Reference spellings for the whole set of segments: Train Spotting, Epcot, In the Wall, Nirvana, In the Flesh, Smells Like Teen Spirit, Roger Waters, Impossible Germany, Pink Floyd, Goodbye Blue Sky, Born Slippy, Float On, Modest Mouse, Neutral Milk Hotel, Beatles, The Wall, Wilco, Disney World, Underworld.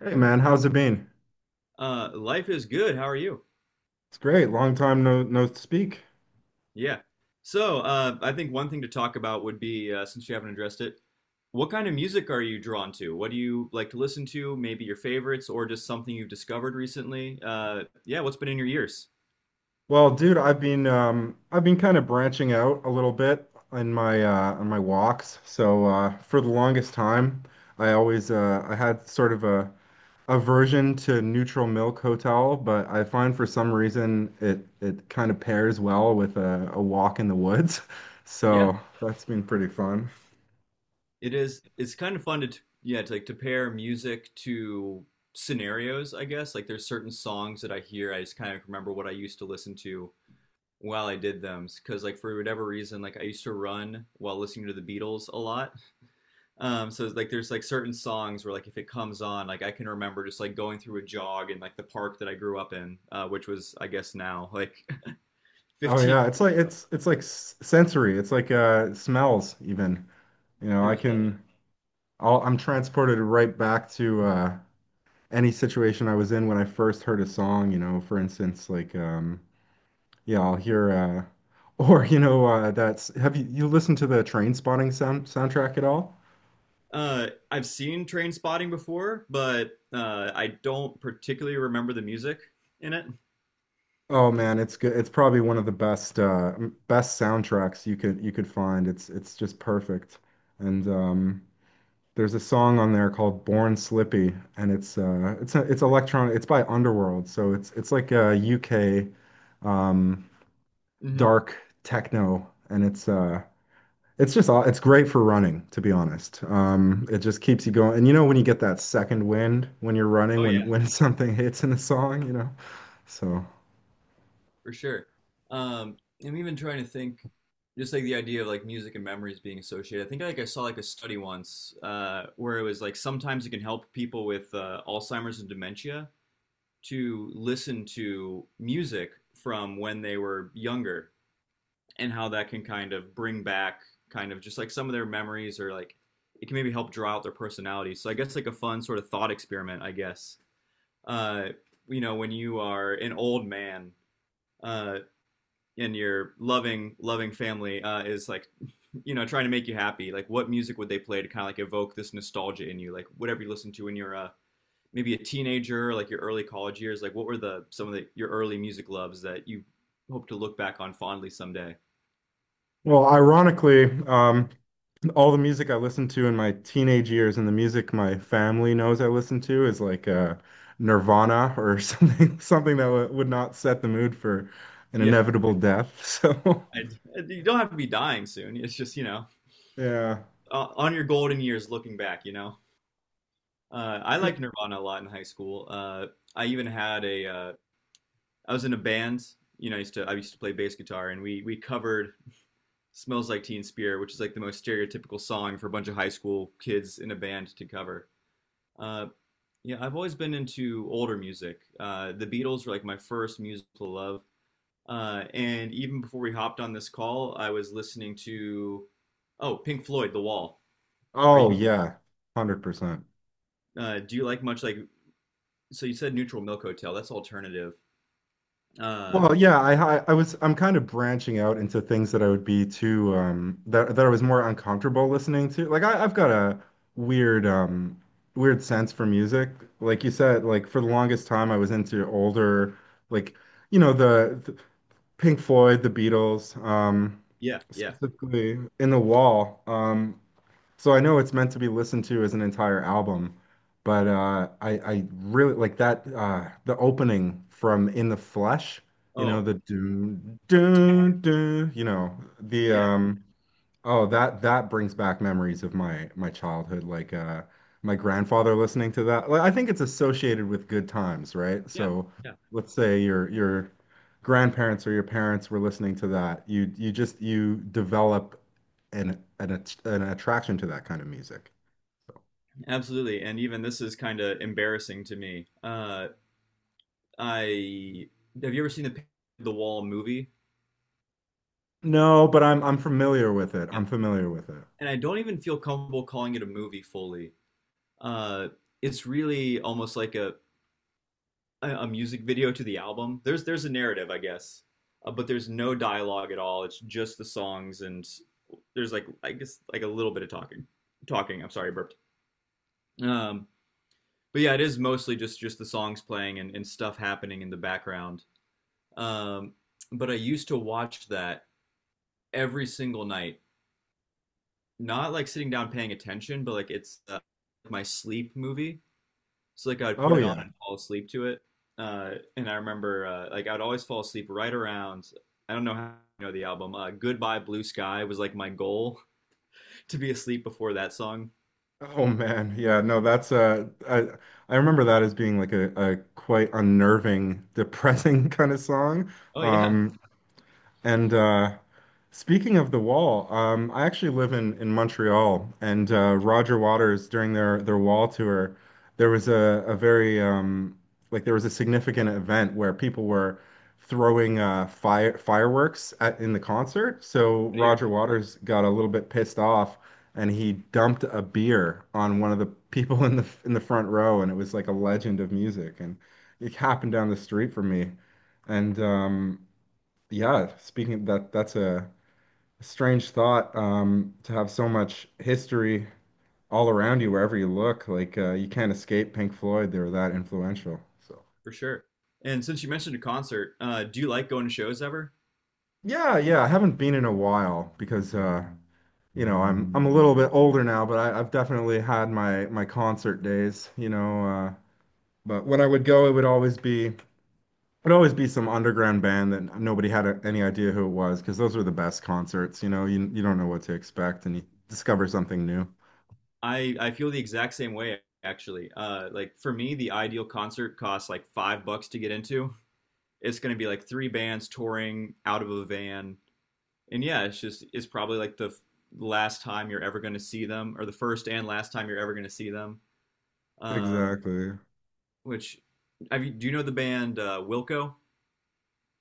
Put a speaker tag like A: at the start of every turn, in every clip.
A: Hey man, how's it been?
B: Life is good. How are you?
A: It's great. Long time no speak.
B: Yeah. So, I think one thing to talk about would be, since you haven't addressed it, what kind of music are you drawn to? What do you like to listen to? Maybe your favorites or just something you've discovered recently? Yeah, what's been in your ears?
A: Well, dude, I've been kind of branching out a little bit in my on my walks. So for the longest time, I had sort of a aversion to Neutral Milk Hotel, but I find for some reason it kind of pairs well with a walk in the woods.
B: Yeah,
A: So that's been pretty fun.
B: it is. It's kind of fun to, yeah, to like to pair music to scenarios, I guess. Like there's certain songs that I hear, I just kind of remember what I used to listen to while I did them. Because like for whatever reason, like I used to run while listening to the Beatles a lot. So like there's like certain songs where like if it comes on, like I can remember just like going through a jog in like the park that I grew up in, which was I guess now like
A: Oh
B: 15.
A: yeah, it's like s sensory. It's like smells even. You know,
B: There's
A: I'm transported right back to any situation I was in when I first heard a song. You know, for instance, like yeah, I'll hear or you know that's have you listened to the Train Spotting sound soundtrack at all?
B: I've seen Train Spotting before, but I don't particularly remember the music in it.
A: Oh man, it's good. It's probably one of the best soundtracks you could find. It's just perfect. And there's a song on there called "Born Slippy," and it's electronic. It's by Underworld, so it's like a UK. um
B: Hmm.
A: dark techno, and it's great for running, to be honest. It just keeps you going, and you know when you get that second wind when you're running
B: Oh
A: when
B: yeah,
A: when something hits in a song, you know. So,
B: for sure. Um, I'm even trying to think, just like the idea of like music and memories being associated. I think like I saw like a study once where it was like sometimes it can help people with Alzheimer's and dementia to listen to music from when they were younger and how that can kind of bring back kind of just like some of their memories, or like it can maybe help draw out their personality. So I guess like a fun sort of thought experiment, I guess. Uh, you know, when you are an old man uh, and your loving family is like, you know, trying to make you happy, like what music would they play to kind of like evoke this nostalgia in you, like whatever you listen to when you're maybe a teenager, like your early college years, like what were the some of the your early music loves that you hope to look back on fondly someday?
A: well, ironically, all the music I listened to in my teenage years and the music my family knows I listen to is like Nirvana or something that w would not set the mood for an
B: Yeah,
A: inevitable death so.
B: I, you don't have to be dying soon. It's just, you know,
A: Yeah,
B: on your golden years looking back, you know. I
A: yeah.
B: liked Nirvana a lot in high school. I even had a I was in a band, you know, I used to play bass guitar, and we covered Smells Like Teen Spirit, which is like the most stereotypical song for a bunch of high school kids in a band to cover. Uh, Yeah, I've always been into older music. The Beatles were like my first musical love. And even before we hopped on this call, I was listening to oh Pink Floyd, The Wall. Are
A: Oh
B: you
A: yeah. 100%.
B: Do you like much like, so you said Neutral Milk Hotel? That's alternative. Uh,
A: Well, yeah, I'm kind of branching out into things that I would be too that I was more uncomfortable listening to. Like I've got a weird um weird sense for music. Like you said, like for the longest time I was into older, like the Pink Floyd, the Beatles,
B: yeah, yeah.
A: specifically In the Wall. So I know it's meant to be listened to as an entire album, but I really like that the opening from In the Flesh, you know
B: Oh,
A: the do do do, you know the,
B: yeah,
A: oh, that brings back memories of my childhood. Like my grandfather listening to that. Like I think it's associated with good times, right?
B: yeah,
A: So
B: yeah.
A: let's say your grandparents or your parents were listening to that. You just you develop an attraction to that kind of music.
B: Absolutely. And even this is kind of embarrassing to me. I Have you ever seen the Pink- Floyd The Wall movie?
A: No, but I'm familiar with it.
B: Yeah.
A: I'm familiar with it.
B: And I don't even feel comfortable calling it a movie fully. Uh, it's really almost like a music video to the album. There's a narrative, I guess, but there's no dialogue at all. It's just the songs, and there's like I guess like a little bit of talking. Talking. I'm sorry, I burped. Um, but yeah, it is mostly just the songs playing, and stuff happening in the background. Um, but I used to watch that every single night, not like sitting down paying attention, but like it's my sleep movie. So like I'd put
A: Oh
B: it on
A: yeah.
B: and fall asleep to it. Uh, and I remember like I'd always fall asleep right around, I don't know how, you know the album. Goodbye Blue Sky was like my goal to be asleep before that song.
A: Oh man, yeah, no, that's I remember that as being like a quite unnerving, depressing kind of song.
B: Oh yeah,
A: Um, and speaking of the wall, I actually live in Montreal, and Roger Waters during their wall tour, there was a very like there was a significant event where people were throwing fireworks in the concert. So
B: good
A: Roger
B: ear
A: Waters got a little bit pissed off, and he dumped a beer on one of the people in the front row, and it was like a legend of music, and it happened down the street from me, and yeah, speaking of that, that's a strange thought, to have so much history all around you wherever you look. Like you can't escape Pink Floyd. They were that influential. So
B: for sure. And since you mentioned a concert, do you like going to shows ever?
A: yeah, yeah. I haven't been in a while because you know I'm a little bit older now, but I've definitely had my concert days. But when I would go, it'd always be some underground band that nobody had any idea who it was because those were the best concerts. You don't know what to expect, and you discover something new.
B: I feel the exact same way actually. Like for me, the ideal concert costs like $5 to get into. It's going to be like three bands touring out of a van, and yeah, it's just it's probably like the last time you're ever going to see them, or the first and last time you're ever going to see them. Um,
A: Exactly.
B: which have you, do you know the band Wilco?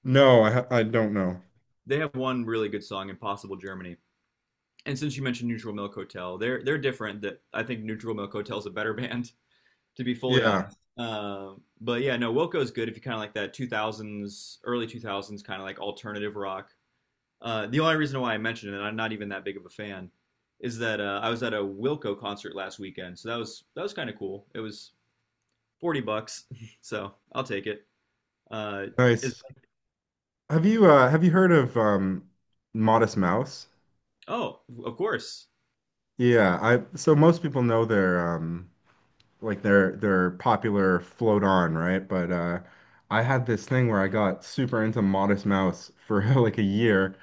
A: No, I don't know.
B: They have one really good song, "Impossible Germany." And since you mentioned Neutral Milk Hotel, they're different. That I think Neutral Milk Hotel is a better band, to be fully
A: Yeah,
B: honest. But yeah, no, Wilco is good if you kind of like that 2000s, early 2000s kind of like alternative rock. The only reason why I mentioned it, and I'm not even that big of a fan, is that I was at a Wilco concert last weekend, so that was kind of cool. It was $40, so I'll take it. Uh, is
A: nice. Have you heard of Modest Mouse?
B: Oh, of course.
A: Yeah, I so most people know their like their popular Float On, right? But I had this thing where I got super into Modest Mouse for like a year.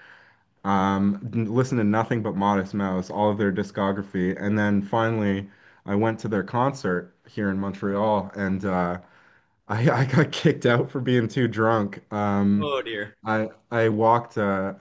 A: Listened to nothing but Modest Mouse, all of their discography, and then finally I went to their concert here in Montreal, and I got kicked out for being too drunk.
B: Oh dear.
A: I I walked uh,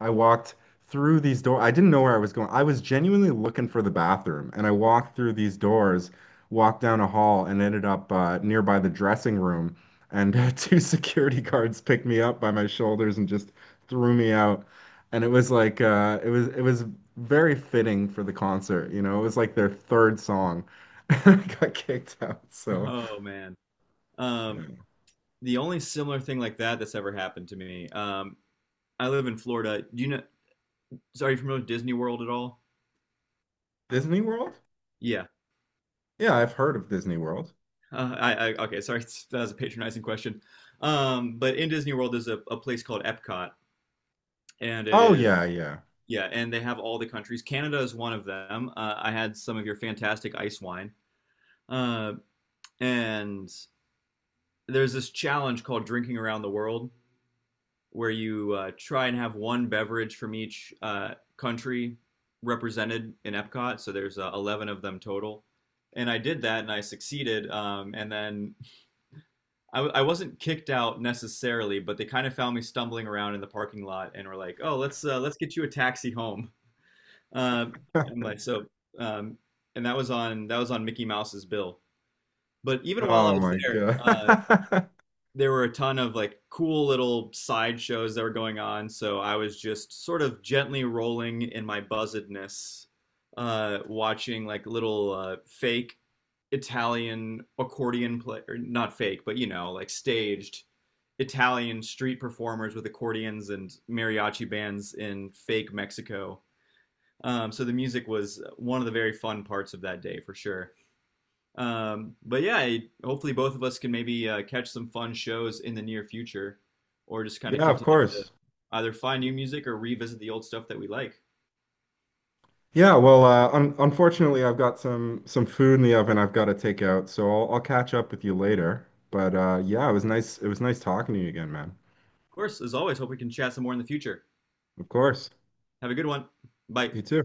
A: I walked through these doors. I didn't know where I was going. I was genuinely looking for the bathroom, and I walked through these doors, walked down a hall, and ended up nearby the dressing room. And two security guards picked me up by my shoulders and just threw me out. And it was like it was very fitting for the concert. You know, it was like their third song. I got kicked out. So.
B: Oh man. Um, the only similar thing like that that's ever happened to me. I live in Florida. Do you know? So are you familiar with Disney World at all?
A: Disney World?
B: Yeah.
A: Yeah, I've heard of Disney World.
B: I okay. Sorry, that was a patronizing question. But in Disney World, there's a place called Epcot, and it
A: Oh
B: is,
A: yeah, yeah.
B: yeah, and they have all the countries. Canada is one of them. I had some of your fantastic ice wine. Uh, and there's this challenge called Drinking Around the World where you try and have one beverage from each country represented in Epcot. So there's 11 of them total. And I did that and I succeeded. And then I wasn't kicked out necessarily, but they kind of found me stumbling around in the parking lot and were like, oh, let's get you a taxi home. Um, and like so, um, and that was on, that was on Mickey Mouse's bill. But even while I
A: Oh
B: was
A: my
B: there,
A: God.
B: there were a ton of like cool little side shows that were going on. So I was just sort of gently rolling in my buzzedness, watching like little fake Italian accordion play, or not fake, but you know, like staged Italian street performers with accordions and mariachi bands in fake Mexico. So the music was one of the very fun parts of that day for sure. But yeah, hopefully both of us can maybe catch some fun shows in the near future, or just kind of
A: Yeah, of
B: continue to
A: course.
B: either find new music or revisit the old stuff that we like.
A: Yeah, well, un unfortunately, I've got some food in the oven I've got to take out, so I'll catch up with you later. But yeah, it was nice. It was nice talking to you again, man.
B: Of course, as always, hope we can chat some more in the future.
A: Of course.
B: Have a good one. Bye.
A: You too.